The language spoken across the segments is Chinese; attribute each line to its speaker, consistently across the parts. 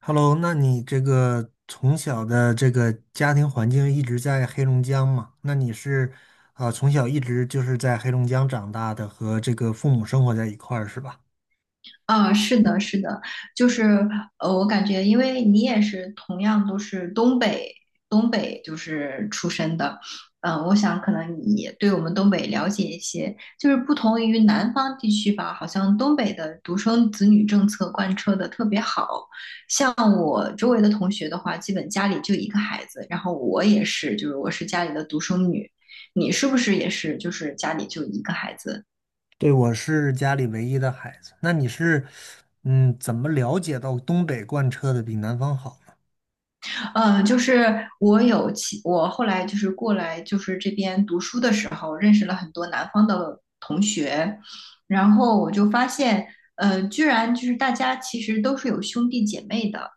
Speaker 1: Hello，那你这个从小的这个家庭环境一直在黑龙江嘛？那你是从小一直就是在黑龙江长大的，和这个父母生活在一块儿是吧？
Speaker 2: 啊，是的，是的，就是我感觉，因为你也是同样都是东北，东北就是出身的，我想可能你也对我们东北了解一些，就是不同于南方地区吧，好像东北的独生子女政策贯彻的特别好，像我周围的同学的话，基本家里就一个孩子，然后我也是，就是我是家里的独生女，你是不是也是，就是家里就一个孩子？
Speaker 1: 对，我是家里唯一的孩子。那你是嗯，怎么了解到东北贯彻的比南方好呢？
Speaker 2: 嗯，就是我有其我后来就是过来就是这边读书的时候，认识了很多南方的同学，然后我就发现，居然就是大家其实都是有兄弟姐妹的，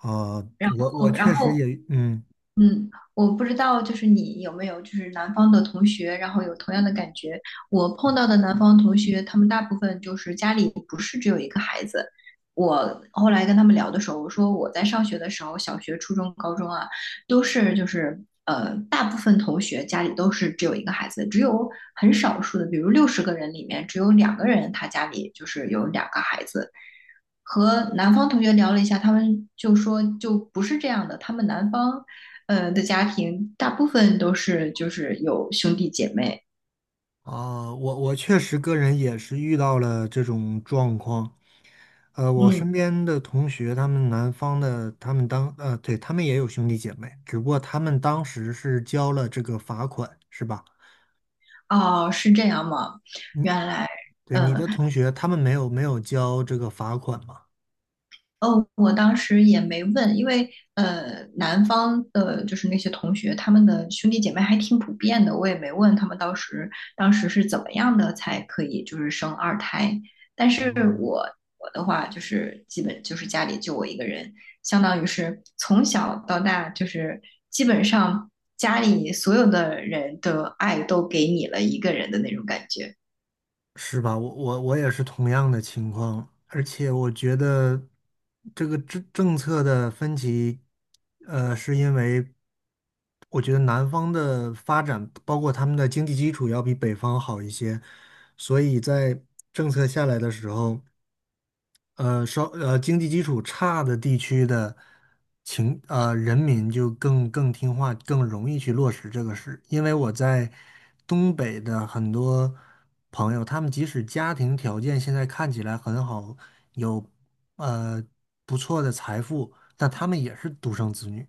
Speaker 1: 呃，
Speaker 2: 然
Speaker 1: 我我
Speaker 2: 后
Speaker 1: 确
Speaker 2: 然
Speaker 1: 实
Speaker 2: 后
Speaker 1: 也嗯
Speaker 2: 嗯，我不知道，就是你有没有就是南方的同学，然后有同样的感觉。我碰到的南方同学，他们大部分就是家里不是只有一个孩子。我后来跟他们聊的时候，我说我在上学的时候，小学、初中、高中啊，都是就是大部分同学家里都是只有一个孩子，只有很少数的，比如60个人里面只有2个人他家里就是有2个孩子。和南方同学聊了一下，他们就说就不是这样的，他们南方，呃的家庭大部分都是就是有兄弟姐妹，
Speaker 1: 我确实个人也是遇到了这种状况。呃，我
Speaker 2: 嗯，
Speaker 1: 身边的同学，他们南方的，他们当呃，对，他们也有兄弟姐妹，只不过他们当时是交了这个罚款，是吧？
Speaker 2: 哦，是这样吗？
Speaker 1: 嗯，
Speaker 2: 原来。
Speaker 1: 对，你的同学，他们没有交这个罚款吗？
Speaker 2: 哦，我当时也没问，因为南方的就是那些同学，他们的兄弟姐妹还挺普遍的，我也没问他们当时是怎么样的才可以就是生二胎。但是
Speaker 1: 哦，
Speaker 2: 我我的话就是基本就是家里就我一个人，相当于是从小到大就是基本上家里所有的人的爱都给你了一个人的那种感觉。
Speaker 1: 是吧？我也是同样的情况，而且我觉得这个政策的分歧，呃，是因为我觉得南方的发展，包括他们的经济基础要比北方好一些，所以在政策下来的时候。经济基础差的地区的人民就更听话，更容易去落实这个事。因为我在东北的很多朋友，他们即使家庭条件现在看起来很好，有呃不错的财富，但他们也是独生子女。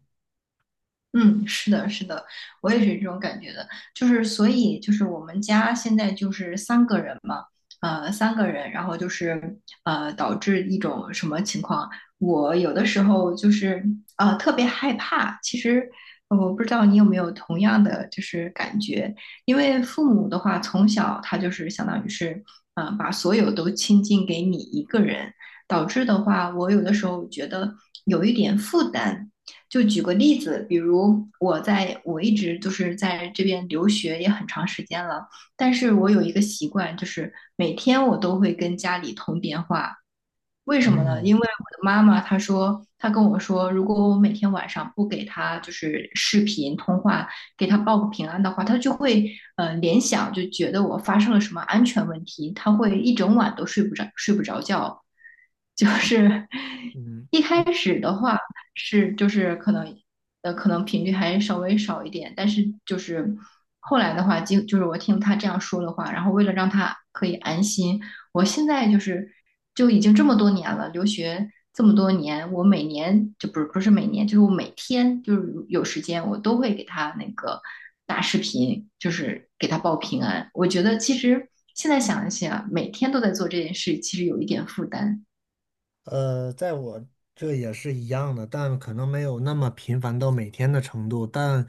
Speaker 2: 嗯，是的，是的，我也是这种感觉的。就是所以就是我们家现在就是三个人嘛，呃，三个人，然后就是导致一种什么情况？我有的时候就是特别害怕。其实我不知道你有没有同样的就是感觉，因为父母的话从小他就是相当于是把所有都倾尽给你一个人，导致的话，我有的时候觉得有一点负担。就举个例子，比如我一直就是在这边留学也很长时间了，但是我有一个习惯，就是每天我都会跟家里通电话，为什么呢？
Speaker 1: 嗯
Speaker 2: 因为我的妈妈她说，她跟我说，如果我每天晚上不给她就是视频通话，给她报个平安的话，她就会联想，就觉得我发生了什么安全问题，她会一整晚都睡不着，睡不着觉。就是
Speaker 1: 嗯，
Speaker 2: 一开始的话是就是可能频率还稍微少一点，但是就是后来的话，就是我听她这样说的话，然后为了让她可以安心。我现在就是就已经这么多年了，留学这么多年，我每年就不是每年，就是我每天就是有时间，我都会给他那个打视频，就是给他报平安。我觉得其实现在想一想，每天都在做这件事，其实有一点负担。
Speaker 1: 在我这也是一样的，但可能没有那么频繁到每天的程度。但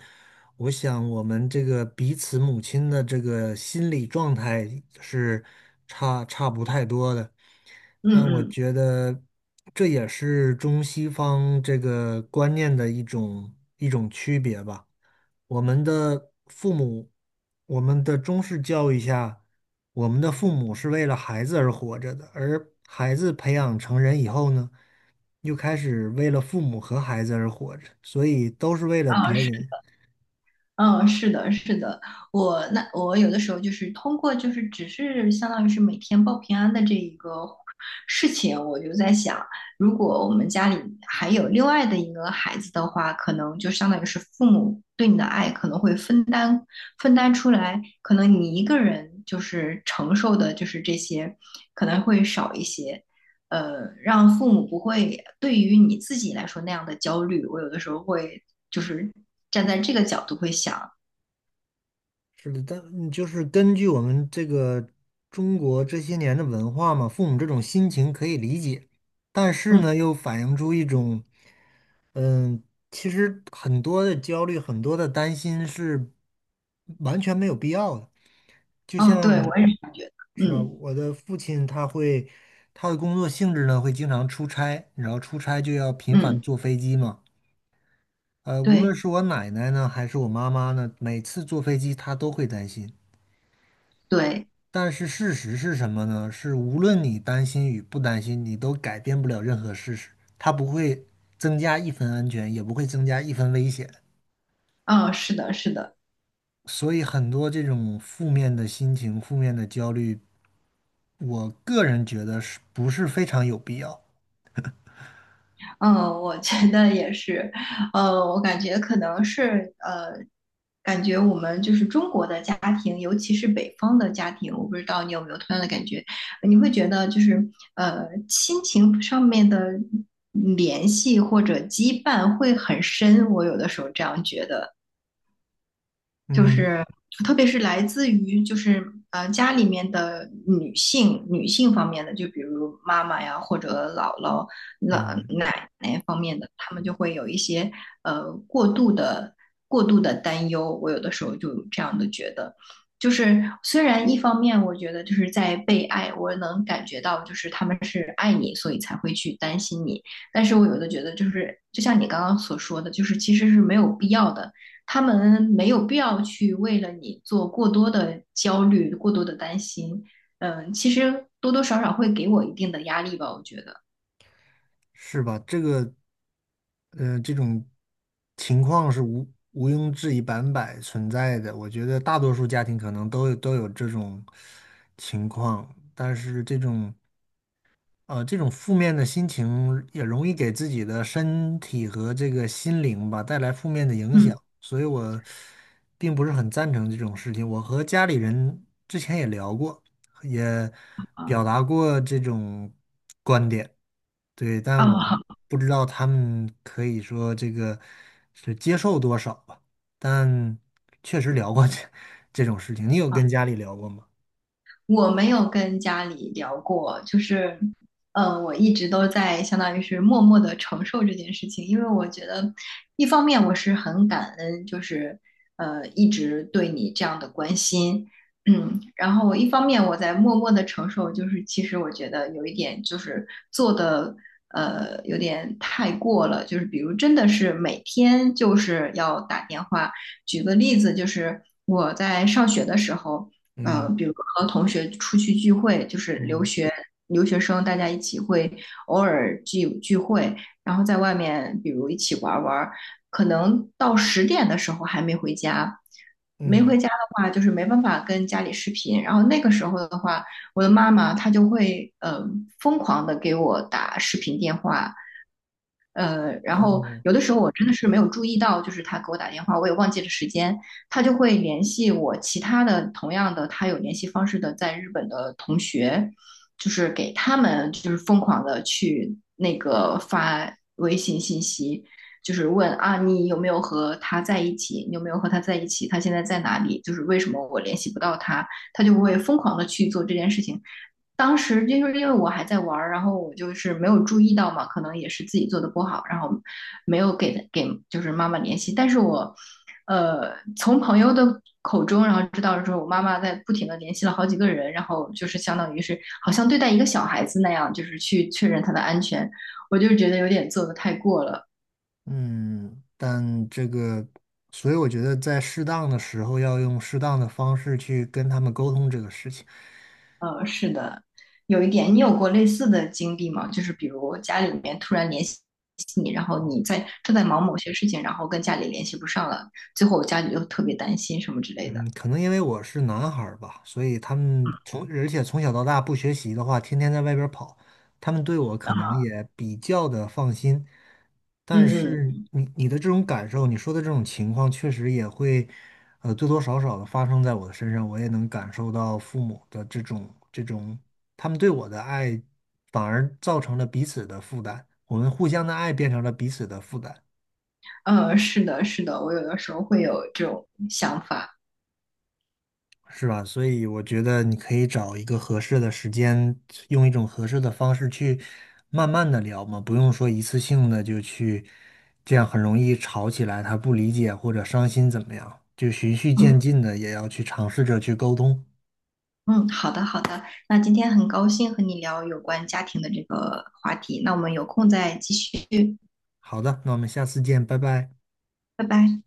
Speaker 1: 我想，我们这个彼此母亲的这个心理状态是差不太多的。
Speaker 2: 嗯
Speaker 1: 但我
Speaker 2: 嗯。
Speaker 1: 觉得这也是中西方这个观念的一种区别吧。我们的父母，我们的中式教育下。我们的父母是为了孩子而活着的，而孩子培养成人以后呢，又开始为了父母和孩子而活着，所以都是为了别人，
Speaker 2: 嗯，是的，是的，我那我有的时候就是通过就是只是相当于是每天报平安的这一个事情，我就在想，如果我们家里还有另外的一个孩子的话，可能就相当于是父母对你的爱可能会分担出来，可能你一个人就是承受的就是这些可能会少一些，呃，让父母不会对于你自己来说那样的焦虑。我有的时候会就是站在这个角度会想。
Speaker 1: 是的，但就是根据我们这个中国这些年的文化嘛，父母这种心情可以理解，但是
Speaker 2: 嗯，
Speaker 1: 呢，又反映出一种，嗯，其实很多的焦虑，很多的担心是完全没有必要的。就
Speaker 2: 哦，对，
Speaker 1: 像
Speaker 2: 我也是这样觉得。
Speaker 1: 是吧，
Speaker 2: 嗯
Speaker 1: 我的父亲他会，他的工作性质呢会经常出差，然后出差就要频繁
Speaker 2: 嗯，
Speaker 1: 坐飞机嘛。呃，无论
Speaker 2: 对
Speaker 1: 是我奶奶呢，还是我妈妈呢，每次坐飞机她都会担心。
Speaker 2: 对，
Speaker 1: 但是事实是什么呢？是无论你担心与不担心，你都改变不了任何事实，它不会增加一分安全，也不会增加一分危险。
Speaker 2: 嗯，是的，是的，
Speaker 1: 所以很多这种负面的心情、负面的焦虑，我个人觉得是不是非常有必要？
Speaker 2: 嗯，我觉得也是，我感觉可能是,感觉我们就是中国的家庭，尤其是北方的家庭，我不知道你有没有同样的感觉，你会觉得就是亲情上面的联系或者羁绊会很深，我有的时候这样觉得。就
Speaker 1: 嗯
Speaker 2: 是特别是来自于就是家里面的女性方面的，就比如妈妈呀或者姥姥、老
Speaker 1: 嗯，
Speaker 2: 奶奶方面的，他们就会有一些呃过度的过度的担忧。我有的时候就有这样的觉得，就是虽然一方面我觉得就是在被爱，我能感觉到就是他们是爱你，所以才会去担心你，但是我有的觉得就是就像你刚刚所说的，就是其实是没有必要的。他们没有必要去为了你做过多的焦虑、过多的担心。嗯，其实多多少少会给我一定的压力吧，我觉得。
Speaker 1: 是吧？这个，呃，这种情况是无毋庸置疑、百分百存在的。我觉得大多数家庭可能都有这种情况，但是这种。呃，这种负面的心情也容易给自己的身体和这个心灵吧带来负面的影
Speaker 2: 嗯
Speaker 1: 响，所以我并不是很赞成这种事情。我和家里人之前也聊过，也
Speaker 2: 啊
Speaker 1: 表达过这种观点，对，但我
Speaker 2: 啊，
Speaker 1: 不知道他们可以说这个是接受多少吧，但确实聊过这 这种事情。你有跟家里聊过吗？
Speaker 2: 我没有跟家里聊过，就是，我一直都在相当于是默默的承受这件事情，因为我觉得，一方面我是很感恩，就是一直对你这样的关心，嗯，然后我一方面我在默默的承受，就是其实我觉得有一点就是做的有点太过了，就是比如真的是每天就是要打电话，举个例子，就是我在上学的时候。
Speaker 1: 嗯
Speaker 2: 比如和同学出去聚会，就是留
Speaker 1: 嗯
Speaker 2: 学留学生，大家一起会偶尔聚聚会，然后在外面，比如一起玩玩可能到10点的时候还没回家，没
Speaker 1: 嗯，
Speaker 2: 回家的话，就是没办法跟家里视频，然后那个时候的话，我的妈妈她就会疯狂的给我打视频电话，呃，然后
Speaker 1: 哦。
Speaker 2: 有的时候我真的是没有注意到，就是他给我打电话，我也忘记了时间，他就会联系我其他的同样的他有联系方式的在日本的同学，就是给他们就是疯狂的去那个发微信信息，就是问啊你有没有和他在一起，你有没有和他在一起，他现在在哪里，就是为什么我联系不到他，他就会疯狂的去做这件事情。当时就是因为我还在玩然后我就是没有注意到嘛，可能也是自己做的不好，然后没有给就是妈妈联系。但是我，从朋友的口中，然后知道说我妈妈在不停的联系了好几个人，然后就是相当于是好像对待一个小孩子那样，就是去确认他的安全，我就觉得有点做的太过了。
Speaker 1: 嗯，但这个，所以我觉得在适当的时候要用适当的方式去跟他们沟通这个事情。
Speaker 2: 呃，是的，有一点，你有过类似的经历吗？就是比如家里面突然联系你，然后你在正在忙某些事情，然后跟家里联系不上了，最后家里又特别担心什么之类的。
Speaker 1: 嗯，可能因为我是男孩儿吧，所以他们从，哦而且从小到大不学习的话，天天在外边儿跑，他们对我可能也比较的放心。但
Speaker 2: 嗯嗯
Speaker 1: 是你的这种感受，你说的这种情况，确实也会，呃，多多少少的发生在我的身上，我也能感受到父母的这种，他们对我的爱，反而造成了彼此的负担，我们互相的爱变成了彼此的负担。
Speaker 2: 是的，是的，我有的时候会有这种想法。
Speaker 1: 是吧？所以我觉得你可以找一个合适的时间，用一种合适的方式去慢慢的聊嘛，不用说一次性的就去，这样很容易吵起来，他不理解或者伤心怎么样，就循序
Speaker 2: 嗯
Speaker 1: 渐进的也要去尝试着去沟通。
Speaker 2: 嗯，好的好的，那今天很高兴和你聊有关家庭的这个话题，那我们有空再继续，
Speaker 1: 好的，那我们下次见，拜拜。
Speaker 2: 拜拜。